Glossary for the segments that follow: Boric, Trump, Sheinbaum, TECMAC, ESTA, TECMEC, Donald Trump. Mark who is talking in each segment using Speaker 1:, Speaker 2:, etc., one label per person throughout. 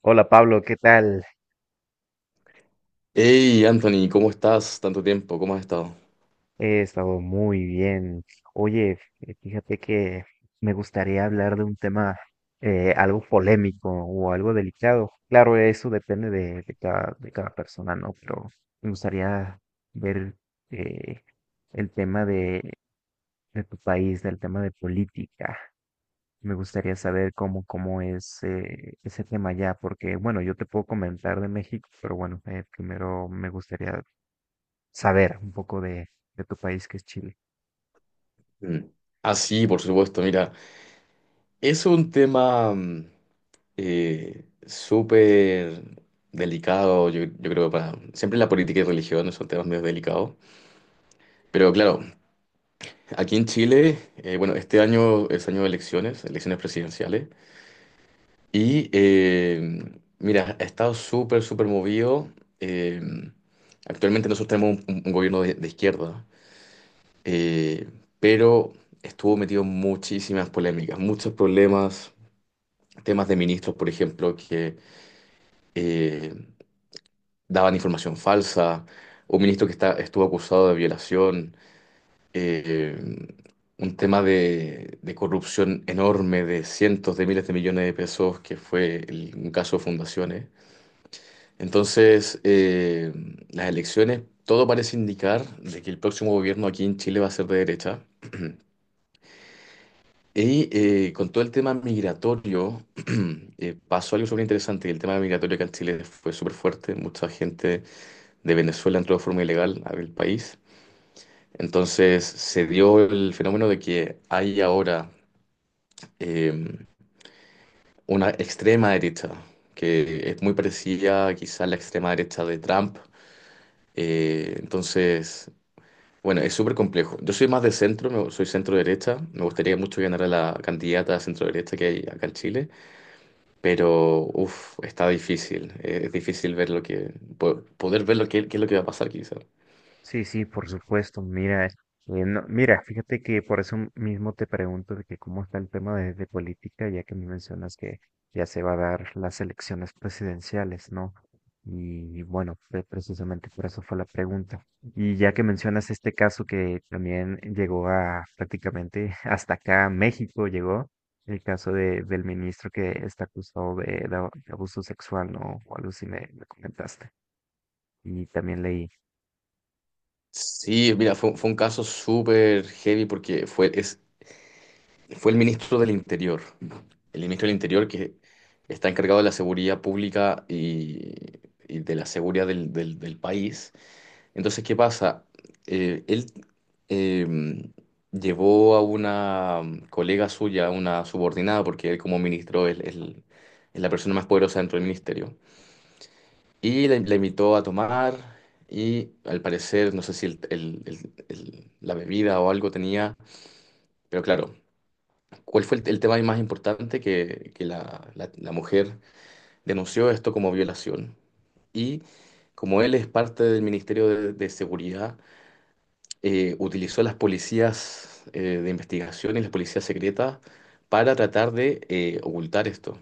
Speaker 1: Hola Pablo, ¿qué tal?
Speaker 2: Hey Anthony, ¿cómo estás? Tanto tiempo, ¿cómo has estado?
Speaker 1: He estado muy bien. Oye, fíjate que me gustaría hablar de un tema algo polémico o algo delicado. Claro, eso depende de cada persona, ¿no? Pero me gustaría ver, eh, el tema de tu país, del tema de política. Me gustaría saber cómo es ese tema allá, porque bueno, yo te puedo comentar de México, pero bueno, primero me gustaría saber un poco de tu país que es Chile.
Speaker 2: Mm. Ah, sí, por supuesto, mira, es un tema súper delicado, yo creo, para... Siempre la política y religión son temas medio delicados, pero claro, aquí en Chile, bueno, este año es año de elecciones, elecciones presidenciales, y mira, ha estado súper, súper movido. eh, Actualmente nosotros tenemos un gobierno de izquierda. eh, pero estuvo metido en muchísimas polémicas, muchos problemas, temas de ministros, por ejemplo, que eh, daban información falsa, un ministro que estuvo acusado de violación, eh, un tema de corrupción enorme de cientos de miles de millones de pesos, que fue un caso de fundaciones. Entonces, las elecciones, todo parece indicar de que el próximo gobierno aquí en Chile va a ser de derecha. Y con todo el tema migratorio, pasó algo súper interesante. El tema migratorio acá en Chile fue súper fuerte. Mucha gente de Venezuela entró de forma ilegal al país. Entonces se dio el fenómeno de que hay ahora eh, una extrema derecha, que es muy parecida quizá a la extrema derecha de Trump. Entonces, bueno, es súper complejo. Yo soy más de centro, soy centro derecha. Me gustaría mucho ganar a la candidata centro derecha que hay acá en Chile. Pero, uff, está difícil. Es difícil ver lo que, poder ver lo que, qué es lo que va a pasar, quizás.
Speaker 1: Sí, sí, por supuesto. Mira, mira, fíjate que por eso mismo te pregunto de que cómo está el tema de política, ya que me mencionas que ya se va a dar las elecciones presidenciales, ¿no? Y bueno, precisamente por eso fue la pregunta. Y ya que mencionas este caso que también llegó a prácticamente hasta acá, a México llegó, el caso del ministro que está acusado de abuso sexual, ¿no? O algo así me comentaste. Y también leí.
Speaker 2: Sí, mira, fue un caso súper heavy porque fue el ministro del Interior. El ministro del Interior que está encargado de la seguridad pública y de la seguridad del país. Entonces, ¿qué pasa? Él em, llevó a una colega suya, a una subordinada, porque él como ministro es la persona más poderosa dentro del ministerio. Y la invitó a tomar y al parecer, no sé si la bebida o algo tenía, pero claro, ¿cuál fue el tema más importante que la mujer denunció esto como violación? Y como él es parte del Ministerio de Seguridad, utilizó a las policías de investigación y las policías secretas para tratar de ocultar esto.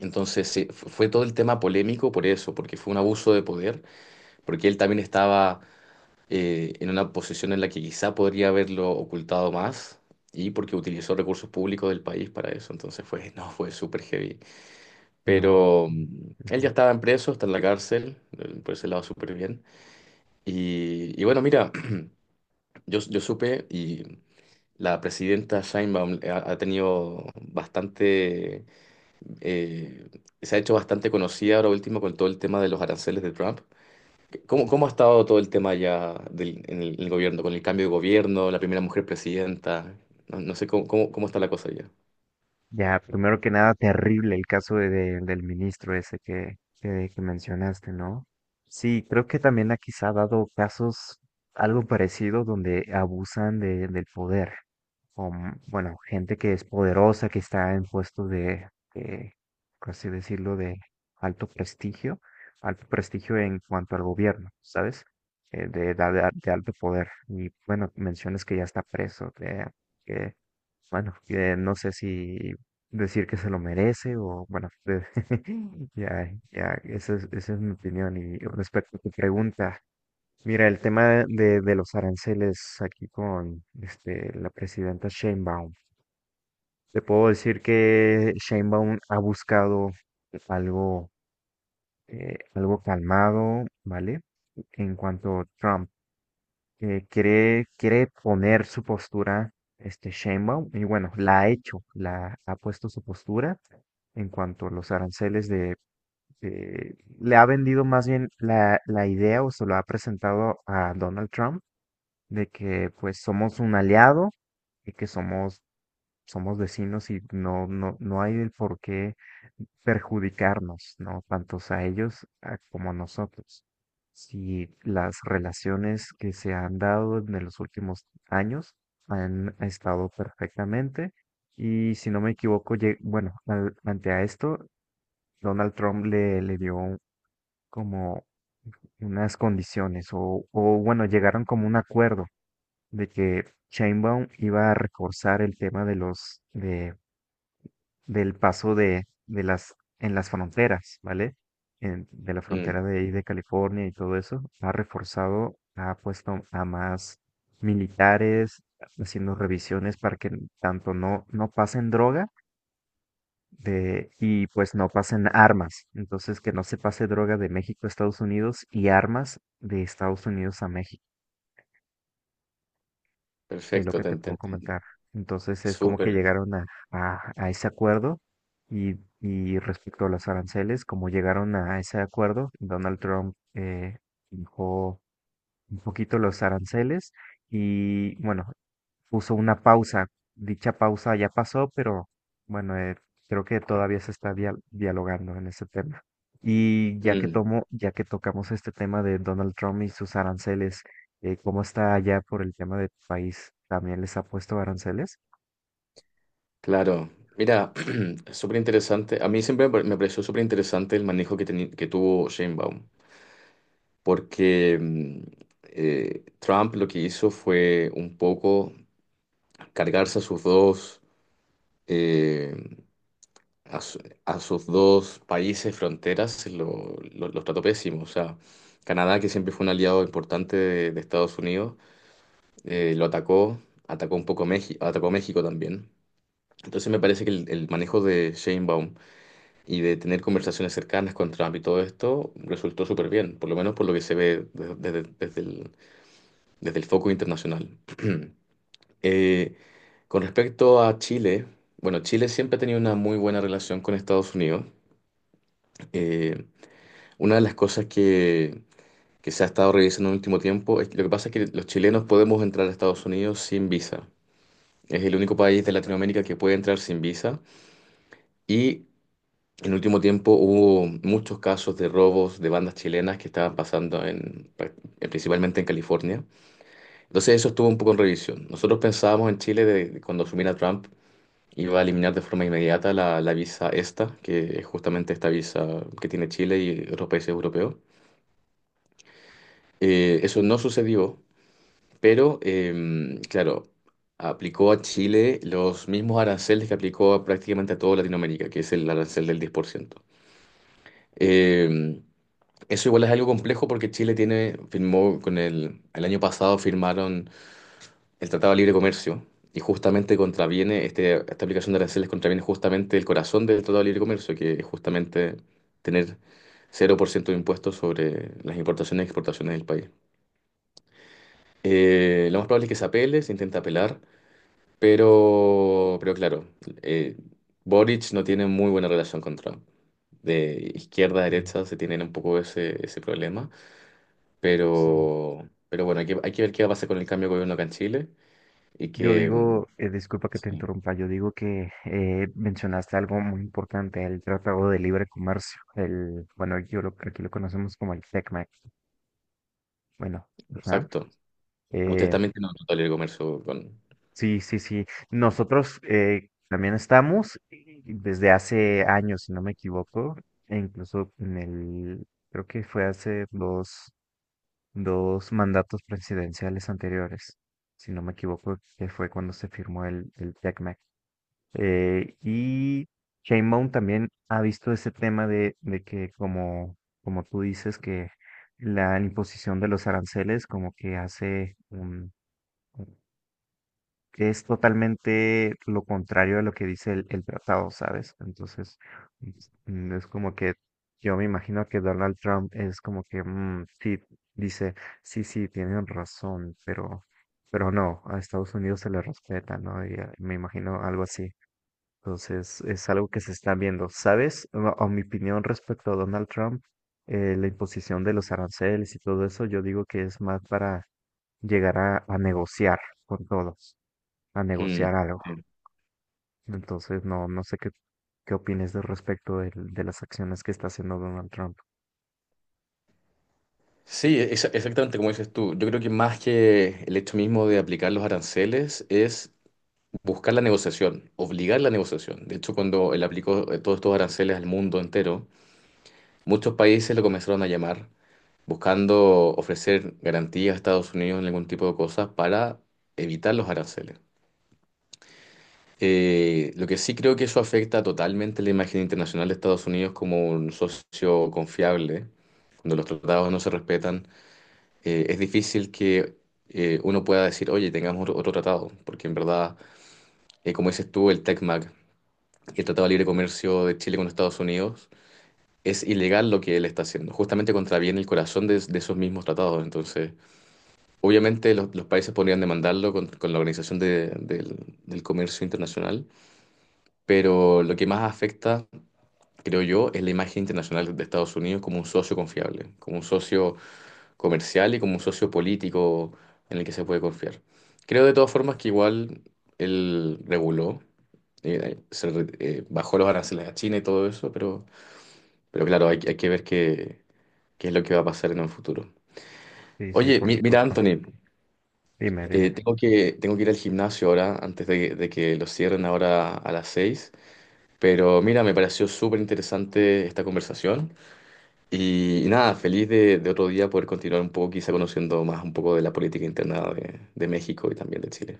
Speaker 2: Fue todo el tema polémico por eso, porque fue un abuso de poder, porque él también estaba en una posición en la que quizá podría haberlo ocultado más y porque utilizó recursos públicos del país para eso. Entonces fue, no, fue súper heavy.
Speaker 1: No.
Speaker 2: Pero él ya
Speaker 1: Ujú.
Speaker 2: estaba en preso, está en la cárcel, por ese lado súper bien. Y bueno, mira, yo supe y la presidenta Sheinbaum ha tenido bastante, eh, se ha hecho bastante conocida ahora último con todo el tema de los aranceles de Trump. ¿Cómo, cómo ha estado todo el tema ya en el gobierno, con el cambio de gobierno, la primera mujer presidenta? No, no sé cómo está la cosa ya.
Speaker 1: Ya, primero que nada, terrible el caso de, del ministro ese que mencionaste, ¿no? Sí, creo que también aquí se ha dado casos algo parecido donde abusan de, del poder. Con, bueno, gente que es poderosa, que está en puestos de, por así decirlo, de alto prestigio, alto prestigio en cuanto al gobierno, ¿sabes? De alto poder. Y bueno, mencionas que ya está preso, que bueno, que no sé si decir que se lo merece o bueno, ya, ya, esa es mi opinión. Y respecto a tu pregunta, mira, el tema de los aranceles aquí con este, la presidenta Sheinbaum, te puedo decir que Sheinbaum ha buscado algo, algo calmado, ¿vale? En cuanto a Trump, quiere poner su postura, este Sheinbaum, y bueno, la ha hecho, la ha puesto su postura en cuanto a los aranceles de, le ha vendido más bien la idea o se lo ha presentado a Donald Trump de que pues somos un aliado y que somos, somos vecinos y no hay el por qué perjudicarnos, ¿no? Tantos a ellos como a nosotros. Si las relaciones que se han dado en los últimos años han estado perfectamente y si no me equivoco, bueno, ante a esto, Donald Trump le dio como unas condiciones o bueno, llegaron como un acuerdo de que Sheinbaum iba a reforzar el tema de los de del paso de las fronteras, ¿vale? De la
Speaker 2: Mm,
Speaker 1: frontera de ahí de California y todo eso, ha reforzado, ha puesto a más militares haciendo revisiones para que tanto no pasen droga de, y pues no pasen armas. Entonces, que no se pase droga de México a Estados Unidos y armas de Estados Unidos a México, es lo
Speaker 2: perfecto,
Speaker 1: que te
Speaker 2: te
Speaker 1: puedo
Speaker 2: entendí.
Speaker 1: comentar. Entonces, es como que
Speaker 2: Súper.
Speaker 1: llegaron a ese acuerdo y respecto a los aranceles, como llegaron a ese acuerdo, Donald Trump dijo un poquito los aranceles y bueno, puso una pausa. Dicha pausa ya pasó, pero bueno, creo que todavía se está dialogando en ese tema. Y ya que
Speaker 2: Mm,
Speaker 1: tomo, ya que tocamos este tema de Donald Trump y sus aranceles, ¿cómo está allá por el tema de tu país? ¿También les ha puesto aranceles?
Speaker 2: claro. Mira, súper interesante. A mí siempre me pareció súper interesante el manejo que, que tuvo Sheinbaum. Porque Trump lo que hizo fue un poco cargarse a sus dos, eh, a, su- a sus dos países fronteras, los trató pésimo. O sea, Canadá, que siempre fue un aliado importante de Estados Unidos, lo atacó, atacó un poco México, atacó México también. Entonces me parece que el manejo de Sheinbaum y de tener conversaciones cercanas con Trump y todo esto resultó súper bien, por lo menos por lo que se ve desde el foco internacional. Eh, con respecto a Chile, bueno, Chile siempre ha tenido una muy buena relación con Estados Unidos. Eh, una de las cosas que se ha estado revisando en el último tiempo es lo que pasa es que los chilenos podemos entrar a Estados Unidos sin visa. Es el único país de Latinoamérica que puede entrar sin visa. Y en el último tiempo hubo muchos casos de robos de bandas chilenas que estaban pasando en, principalmente en California. Entonces eso estuvo un poco en revisión. Nosotros pensábamos en Chile de cuando asumiera Trump iba a eliminar de forma inmediata la visa ESTA, que es justamente esta visa que tiene Chile y otros países europeos. Eso no sucedió, pero claro, aplicó a Chile los mismos aranceles que aplicó a prácticamente a toda Latinoamérica, que es el arancel del 10%. Em, Eso igual es algo complejo porque Chile tiene, firmó con el año pasado firmaron el Tratado de Libre Comercio, y justamente contraviene, este, esta aplicación de aranceles contraviene justamente el corazón del Tratado de Libre Comercio, que es justamente tener cero por ciento de impuestos sobre las importaciones y exportaciones del país. Lo más probable es que se apele, se intenta apelar, pero claro, eh, Boric no tiene muy buena relación con Trump. De izquierda a
Speaker 1: Mm,
Speaker 2: derecha se tienen un poco ese, ese problema,
Speaker 1: Sí.
Speaker 2: pero bueno, hay que ver qué va a pasar con el cambio de gobierno acá en Chile y
Speaker 1: Yo
Speaker 2: que... mm,
Speaker 1: digo, disculpa que te
Speaker 2: sí,
Speaker 1: interrumpa, yo digo que mencionaste algo muy importante, el Tratado de Libre Comercio, el, bueno, yo lo, aquí lo conocemos como el TECMEC, bueno, ajá.
Speaker 2: exacto. Ustedes
Speaker 1: eh,
Speaker 2: también tienen una tolera de comercio con...
Speaker 1: sí, sí, sí, nosotros también estamos, desde hace años, si no me equivoco, e incluso en el, creo que fue hace dos, dos mandatos presidenciales anteriores, si no me equivoco, que fue cuando se firmó el TECMEC. Y Sheinbaum también ha visto ese tema de que, como, como tú dices, que la imposición de los aranceles como que hace un, un- que es totalmente lo contrario a lo que dice el tratado, ¿sabes? Entonces, es es como que yo me imagino que Donald Trump es como que, mm, sí, dice, sí, sí, tienen razón, pero no, a Estados Unidos se le respeta, ¿no? Y, me imagino algo así. Entonces, es algo que se está viendo. ¿Sabes? No, a mi opinión respecto a Donald Trump, la imposición de los aranceles y todo eso, yo digo que es más para llegar a negociar con todos, a
Speaker 2: Mm,
Speaker 1: negociar algo.
Speaker 2: sí,
Speaker 1: Entonces, no, no sé qué, qué opines de respecto de las acciones que está haciendo Donald Trump.
Speaker 2: sí, exactamente como dices tú. Yo creo que más que el hecho mismo de aplicar los aranceles es buscar la negociación, obligar la negociación. De hecho, cuando él aplicó todos estos aranceles al mundo entero, muchos países lo comenzaron a llamar buscando ofrecer garantías a Estados Unidos en algún tipo de cosas para evitar los aranceles. Lo que sí creo que eso afecta totalmente la imagen internacional de Estados Unidos como un socio confiable. Cuando los tratados no se respetan, es difícil que uno pueda decir, oye, tengamos otro tratado, porque en verdad, como dices tú, el TECMAC, el Tratado de Libre Comercio de Chile con Estados Unidos, es ilegal lo que él está haciendo, justamente contraviene el corazón de esos mismos tratados. Entonces, obviamente los países podrían demandarlo con la Organización del Comercio Internacional, pero lo que más afecta creo yo, es la imagen internacional de Estados Unidos como un socio confiable, como un socio comercial y como un socio político en el que se puede confiar. Creo de todas formas que igual él reguló, bajó los aranceles a China y todo eso, pero claro, hay que ver qué, qué es lo que va a pasar en un futuro.
Speaker 1: Sí, sí,
Speaker 2: Oye,
Speaker 1: por
Speaker 2: mira,
Speaker 1: supuesto.
Speaker 2: Anthony,
Speaker 1: Dime, dime.
Speaker 2: tengo que ir al gimnasio ahora, antes de que lo cierren ahora a las 6. Pero mira, me pareció súper interesante esta conversación. Y nada, feliz de otro día poder continuar un poco, quizá conociendo más un poco de la política interna de México y también de Chile.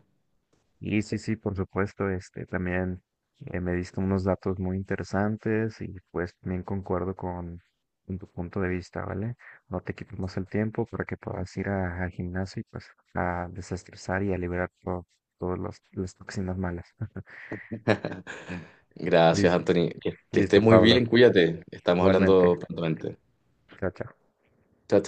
Speaker 1: Y sí, sí, por supuesto, este también me diste unos datos muy interesantes y pues también concuerdo con tu punto de vista, ¿vale? No te quito más el tiempo para que puedas ir al gimnasio y pues a desestresar y a liberar todas las toxinas malas.
Speaker 2: Gracias,
Speaker 1: Lis-
Speaker 2: Anthony. Que estés
Speaker 1: Listo,
Speaker 2: muy
Speaker 1: Pablo.
Speaker 2: bien, cuídate. Estamos hablando
Speaker 1: Igualmente.
Speaker 2: prontamente.
Speaker 1: Chao, chao.
Speaker 2: Chao,